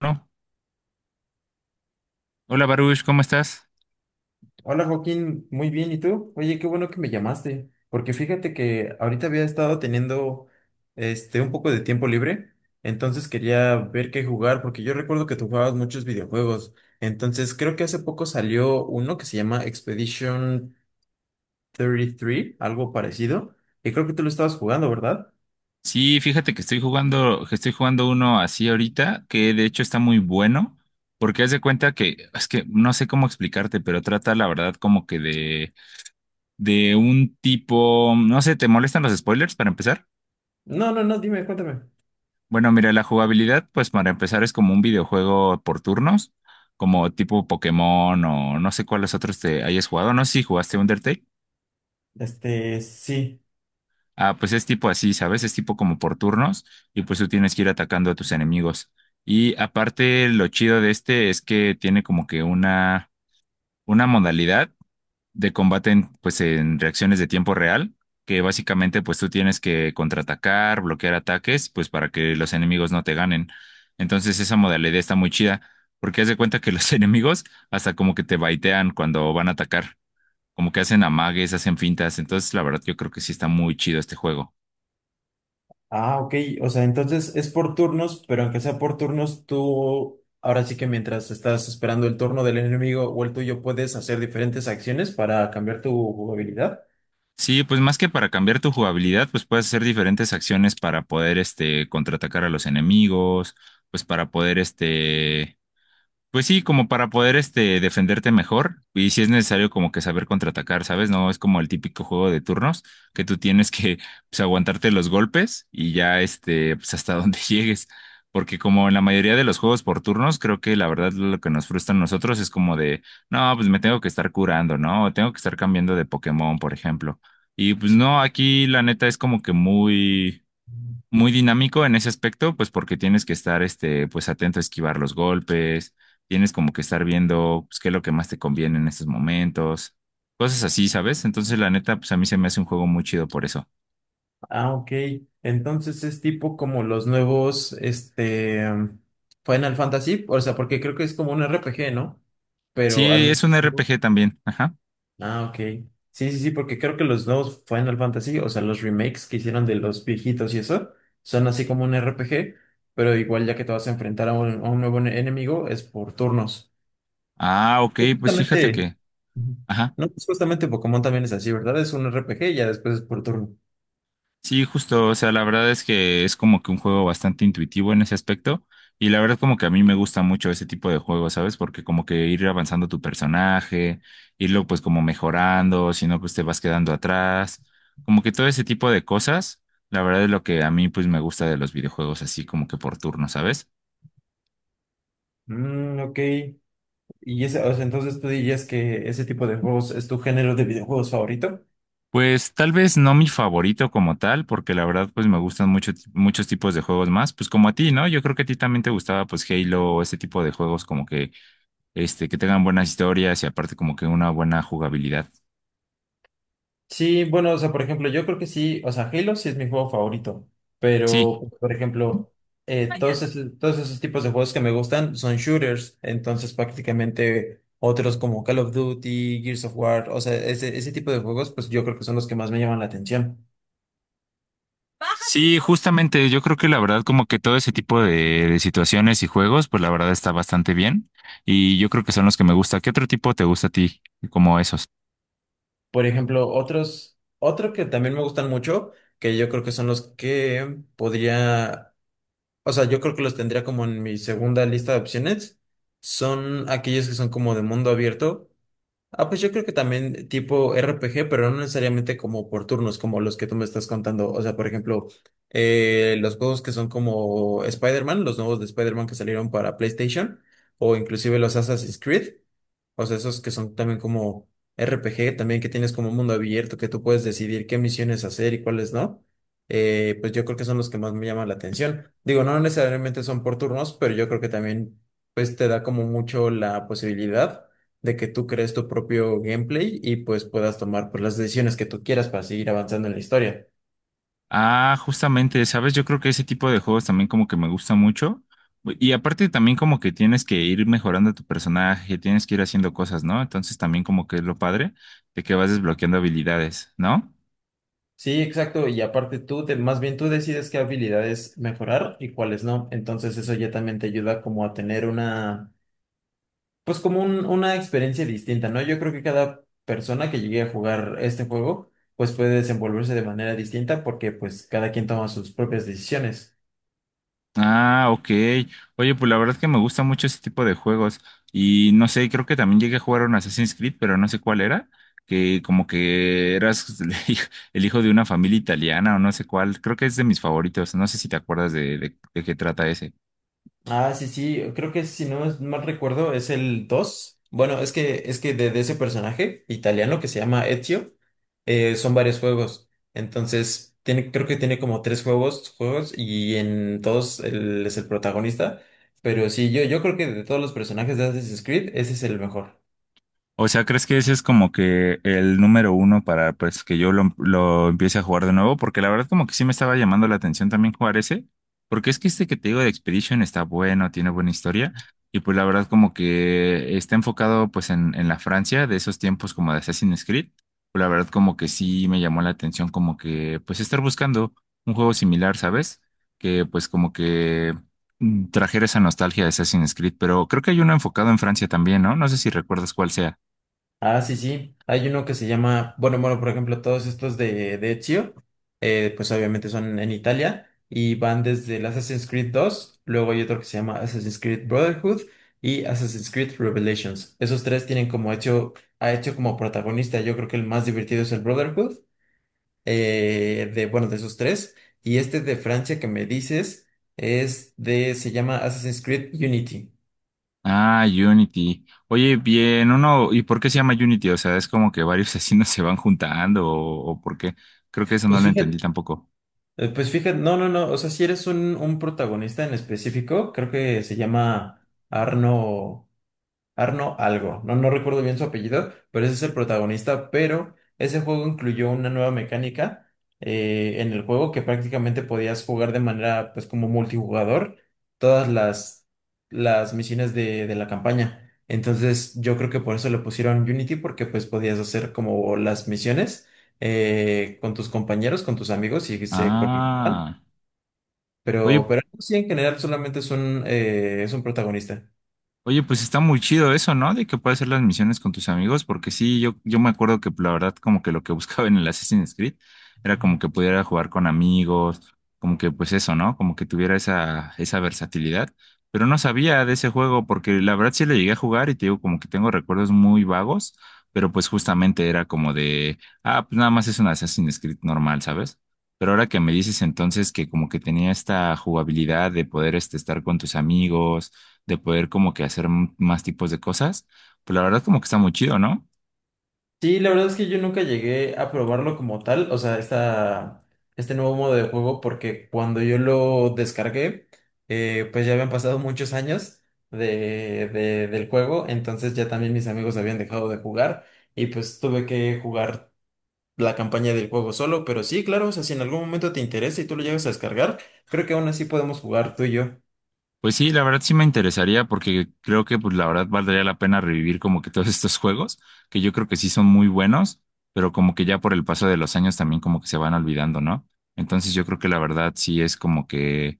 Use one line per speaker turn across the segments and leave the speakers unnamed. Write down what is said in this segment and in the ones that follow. Bueno, hola Baruch, ¿cómo estás?
Hola Joaquín, muy bien, ¿y tú? Oye, qué bueno que me llamaste, porque fíjate que ahorita había estado teniendo un poco de tiempo libre, entonces quería ver qué jugar, porque yo recuerdo que tú jugabas muchos videojuegos, entonces creo que hace poco salió uno que se llama Expedition 33, algo parecido, y creo que tú lo estabas jugando, ¿verdad?
Sí, fíjate que estoy jugando, uno así ahorita, que de hecho está muy bueno, porque haz de cuenta que, es que no sé cómo explicarte, pero trata la verdad como que de un tipo, no sé, ¿te molestan los spoilers para empezar?
No, no, no, dime, cuéntame.
Bueno, mira, la jugabilidad, pues para empezar es como un videojuego por turnos, como tipo Pokémon o no sé cuáles otros te hayas jugado, no sé si jugaste Undertale.
Este, sí.
Ah, pues es tipo así, ¿sabes? Es tipo como por turnos y pues tú tienes que ir atacando a tus enemigos. Y aparte, lo chido de este es que tiene como que una modalidad de combate en, pues en reacciones de tiempo real, que básicamente pues tú tienes que contraatacar, bloquear ataques, pues para que los enemigos no te ganen. Entonces esa modalidad está muy chida, porque haz de cuenta que los enemigos hasta como que te baitean cuando van a atacar, como que hacen amagues, hacen fintas. Entonces la verdad yo creo que sí está muy chido este juego.
Ah, ok. O sea, entonces es por turnos, pero aunque sea por turnos, tú ahora sí que mientras estás esperando el turno del enemigo o el tuyo, puedes hacer diferentes acciones para cambiar tu jugabilidad.
Sí, pues más que para cambiar tu jugabilidad, pues puedes hacer diferentes acciones para poder, contraatacar a los enemigos, pues para poder, pues sí, como para poder defenderte mejor y si es necesario como que saber contraatacar, ¿sabes? No es como el típico juego de turnos que tú tienes que pues, aguantarte los golpes y ya pues hasta donde llegues. Porque como en la mayoría de los juegos por turnos, creo que la verdad lo que nos frustra a nosotros es como de, no, pues me tengo que estar curando, ¿no? O tengo que estar cambiando de Pokémon, por ejemplo. Y pues
Sí.
no, aquí la neta es como que muy muy dinámico en ese aspecto, pues porque tienes que estar pues atento a esquivar los golpes, tienes como que estar viendo pues, qué es lo que más te conviene en estos momentos, cosas así, ¿sabes? Entonces, la neta, pues a mí se me hace un juego muy chido por eso.
Ah, ok. Entonces es tipo como los nuevos, Final Fantasy, o sea, porque creo que es como un RPG, ¿no? Pero al
Sí,
menos.
es un RPG también, ajá.
Ah, ok. Sí, sí, sí, porque creo que los nuevos Final Fantasy, o sea, los remakes que hicieron de los viejitos y eso, son así como un RPG, pero igual ya que te vas a enfrentar a a un nuevo enemigo, es por turnos.
Ah, ok,
Pues
pues fíjate
justamente.
que,
Ujú.
ajá.
No, pues justamente Pokémon también es así, ¿verdad? Es un RPG y ya después es por turno.
Sí, justo, o sea, la verdad es que es como que un juego bastante intuitivo en ese aspecto y la verdad como que a mí me gusta mucho ese tipo de juegos, ¿sabes? Porque como que ir avanzando tu personaje, irlo pues como mejorando, si no pues te vas quedando atrás, como que todo ese tipo de cosas, la verdad es lo que a mí pues me gusta de los videojuegos así como que por turno, ¿sabes?
Mm, ok. Y ese, o sea, entonces tú dirías que ese tipo de juegos es tu género de videojuegos favorito.
Pues tal vez no mi favorito como tal, porque la verdad pues me gustan mucho, muchos tipos de juegos más, pues como a ti, ¿no? Yo creo que a ti también te gustaba pues Halo o ese tipo de juegos como que que tengan buenas historias y aparte como que una buena jugabilidad.
Sí, bueno, o sea, por ejemplo, yo creo que sí, o sea, Halo sí es mi juego favorito,
Sí.
pero, por ejemplo, todos esos tipos de juegos que me gustan son shooters, entonces prácticamente otros como Call of Duty, Gears of War, o sea, ese tipo de juegos, pues yo creo que son los que más me llaman la atención.
Sí, justamente, yo creo que la verdad como que todo ese tipo de situaciones y juegos, pues la verdad está bastante bien y yo creo que son los que me gusta. ¿Qué otro tipo te gusta a ti como esos?
Por ejemplo, otro que también me gustan mucho, que yo creo que son los que podría, o sea, yo creo que los tendría como en mi segunda lista de opciones, son aquellos que son como de mundo abierto. Ah, pues yo creo que también tipo RPG, pero no necesariamente como por turnos, como los que tú me estás contando. O sea, por ejemplo, los juegos que son como Spider-Man, los nuevos de Spider-Man que salieron para PlayStation, o inclusive los Assassin's Creed. O sea, esos que son también como RPG, también que tienes como un mundo abierto, que tú puedes decidir qué misiones hacer y cuáles no. Pues yo creo que son los que más me llaman la atención. Digo, no necesariamente son por turnos, pero yo creo que también pues te da como mucho la posibilidad de que tú crees tu propio gameplay y pues puedas tomar pues las decisiones que tú quieras para seguir avanzando en la historia.
Ah, justamente, sabes, yo creo que ese tipo de juegos también como que me gusta mucho y aparte también como que tienes que ir mejorando tu personaje, tienes que ir haciendo cosas, ¿no? Entonces también como que es lo padre de que vas desbloqueando habilidades, ¿no?
Sí, exacto, y aparte más bien tú decides qué habilidades mejorar y cuáles no, entonces eso ya también te ayuda como a tener una, pues como una experiencia distinta, ¿no? Yo creo que cada persona que llegue a jugar este juego, pues puede desenvolverse de manera distinta porque pues cada quien toma sus propias decisiones.
Ah, ok. Oye, pues la verdad es que me gusta mucho ese tipo de juegos. Y no sé, creo que también llegué a jugar un Assassin's Creed, pero no sé cuál era. Que como que eras el hijo de una familia italiana o no sé cuál. Creo que es de mis favoritos. No sé si te acuerdas de qué trata ese.
Ah, sí, sí, creo que si no es mal recuerdo es el 2. Bueno, es que de ese personaje italiano que se llama Ezio, son varios juegos. Entonces, tiene, creo que tiene como tres juegos, juegos y en todos él es el protagonista. Pero sí, yo creo que de todos los personajes de Assassin's Creed, ese es el mejor.
O sea, ¿crees que ese es como que el número uno para pues que yo lo empiece a jugar de nuevo? Porque la verdad como que sí me estaba llamando la atención también jugar ese, porque es que este que te digo de Expedition está bueno, tiene buena historia, y pues la verdad como que está enfocado pues en la Francia de esos tiempos como de Assassin's Creed, pues la verdad como que sí me llamó la atención como que pues estar buscando un juego similar, ¿sabes? Que pues como que trajera esa nostalgia de Assassin's Creed, pero creo que hay uno enfocado en Francia también, ¿no? No sé si recuerdas cuál sea.
Ah, sí, sí. Hay uno que se llama, bueno, por ejemplo, todos estos de Ezio, pues obviamente son en Italia y van desde el Assassin's Creed 2, luego hay otro que se llama Assassin's Creed Brotherhood y Assassin's Creed Revelations. Esos tres tienen como Ezio ha hecho como protagonista, yo creo que el más divertido es el Brotherhood, bueno, de esos tres. Y este de Francia que me dices se llama Assassin's Creed Unity.
Ah, Unity. Oye, bien, uno, ¿y por qué se llama Unity? O sea, es como que varios asesinos se van juntando o por qué. Creo que eso no
Pues
lo entendí
fíjate.
tampoco.
Pues fíjate, no, no, no, o sea, si eres un protagonista en específico, creo que se llama Arno, Arno algo, no recuerdo bien su apellido, pero ese es el protagonista, pero ese juego incluyó una nueva mecánica, en el juego que prácticamente podías jugar de manera pues como multijugador todas las misiones de la campaña. Entonces yo creo que por eso le pusieron Unity porque pues podías hacer como las misiones con tus compañeros, con tus amigos y se conectan,
Ah. Oye,
pero sí en general solamente es un protagonista.
Oye, pues está muy chido eso, ¿no? De que puedes hacer las misiones con tus amigos, porque sí, yo me acuerdo que la verdad como que lo que buscaba en el Assassin's Creed era como que pudiera jugar con amigos, como que pues eso, ¿no? Como que tuviera esa, esa versatilidad, pero no sabía de ese juego porque la verdad sí le llegué a jugar y te digo como que tengo recuerdos muy vagos, pero pues justamente era como de, ah, pues nada más es un Assassin's Creed normal, ¿sabes? Pero ahora que me dices entonces que como que tenía esta jugabilidad de poder estar con tus amigos de poder como que hacer más tipos de cosas, pues la verdad como que está muy chido, ¿no?
Sí, la verdad es que yo nunca llegué a probarlo como tal, este nuevo modo de juego, porque cuando yo lo descargué, pues ya habían pasado muchos años del juego, entonces ya también mis amigos habían dejado de jugar y pues tuve que jugar la campaña del juego solo, pero sí, claro, o sea, si en algún momento te interesa y tú lo llegas a descargar, creo que aún así podemos jugar tú y yo.
Pues sí, la verdad sí me interesaría porque creo que pues la verdad valdría la pena revivir como que todos estos juegos, que yo creo que sí son muy buenos, pero como que ya por el paso de los años también como que se van olvidando, ¿no? Entonces yo creo que la verdad sí es como que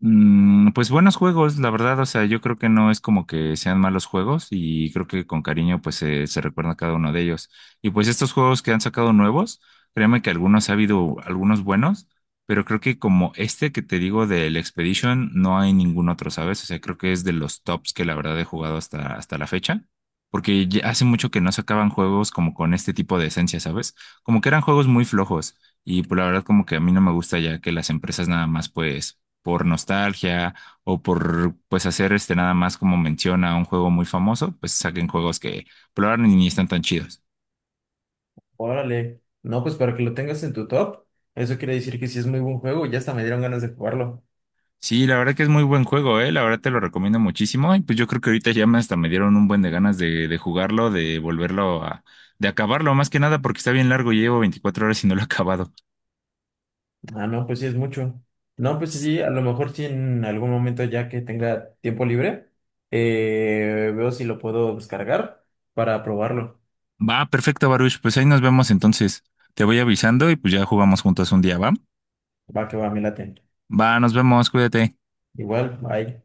Pues buenos juegos, la verdad, o sea, yo creo que no es como que sean malos juegos y creo que con cariño pues se recuerda cada uno de ellos. Y pues estos juegos que han sacado nuevos, créeme que algunos ha habido algunos buenos, pero creo que como este que te digo del Expedition no hay ningún otro, ¿sabes? O sea, creo que es de los tops que la verdad he jugado hasta, hasta la fecha, porque ya hace mucho que no sacaban juegos como con este tipo de esencia, ¿sabes? Como que eran juegos muy flojos y pues la verdad como que a mí no me gusta ya que las empresas nada más pues por nostalgia o por pues hacer nada más como menciona un juego muy famoso, pues saquen juegos que probaron y ni están tan chidos.
Órale, no, pues para que lo tengas en tu top, eso quiere decir que sí es muy buen juego, ya hasta me dieron ganas de jugarlo.
Sí, la verdad que es muy buen juego, la verdad te lo recomiendo muchísimo y pues yo creo que ahorita ya me hasta me dieron un buen de ganas de jugarlo, de volverlo a, de acabarlo, más que nada porque está bien largo, llevo 24 horas y no lo he acabado.
Ah, no, pues sí es mucho. No, pues sí, a lo mejor sí en algún momento ya que tenga tiempo libre, veo si lo puedo descargar para probarlo.
Va, perfecto, Baruch, pues ahí nos vemos entonces. Te voy avisando y pues ya jugamos juntos un día, ¿va?
Va que va, me late.
Va, nos vemos, cuídate.
Igual, bye.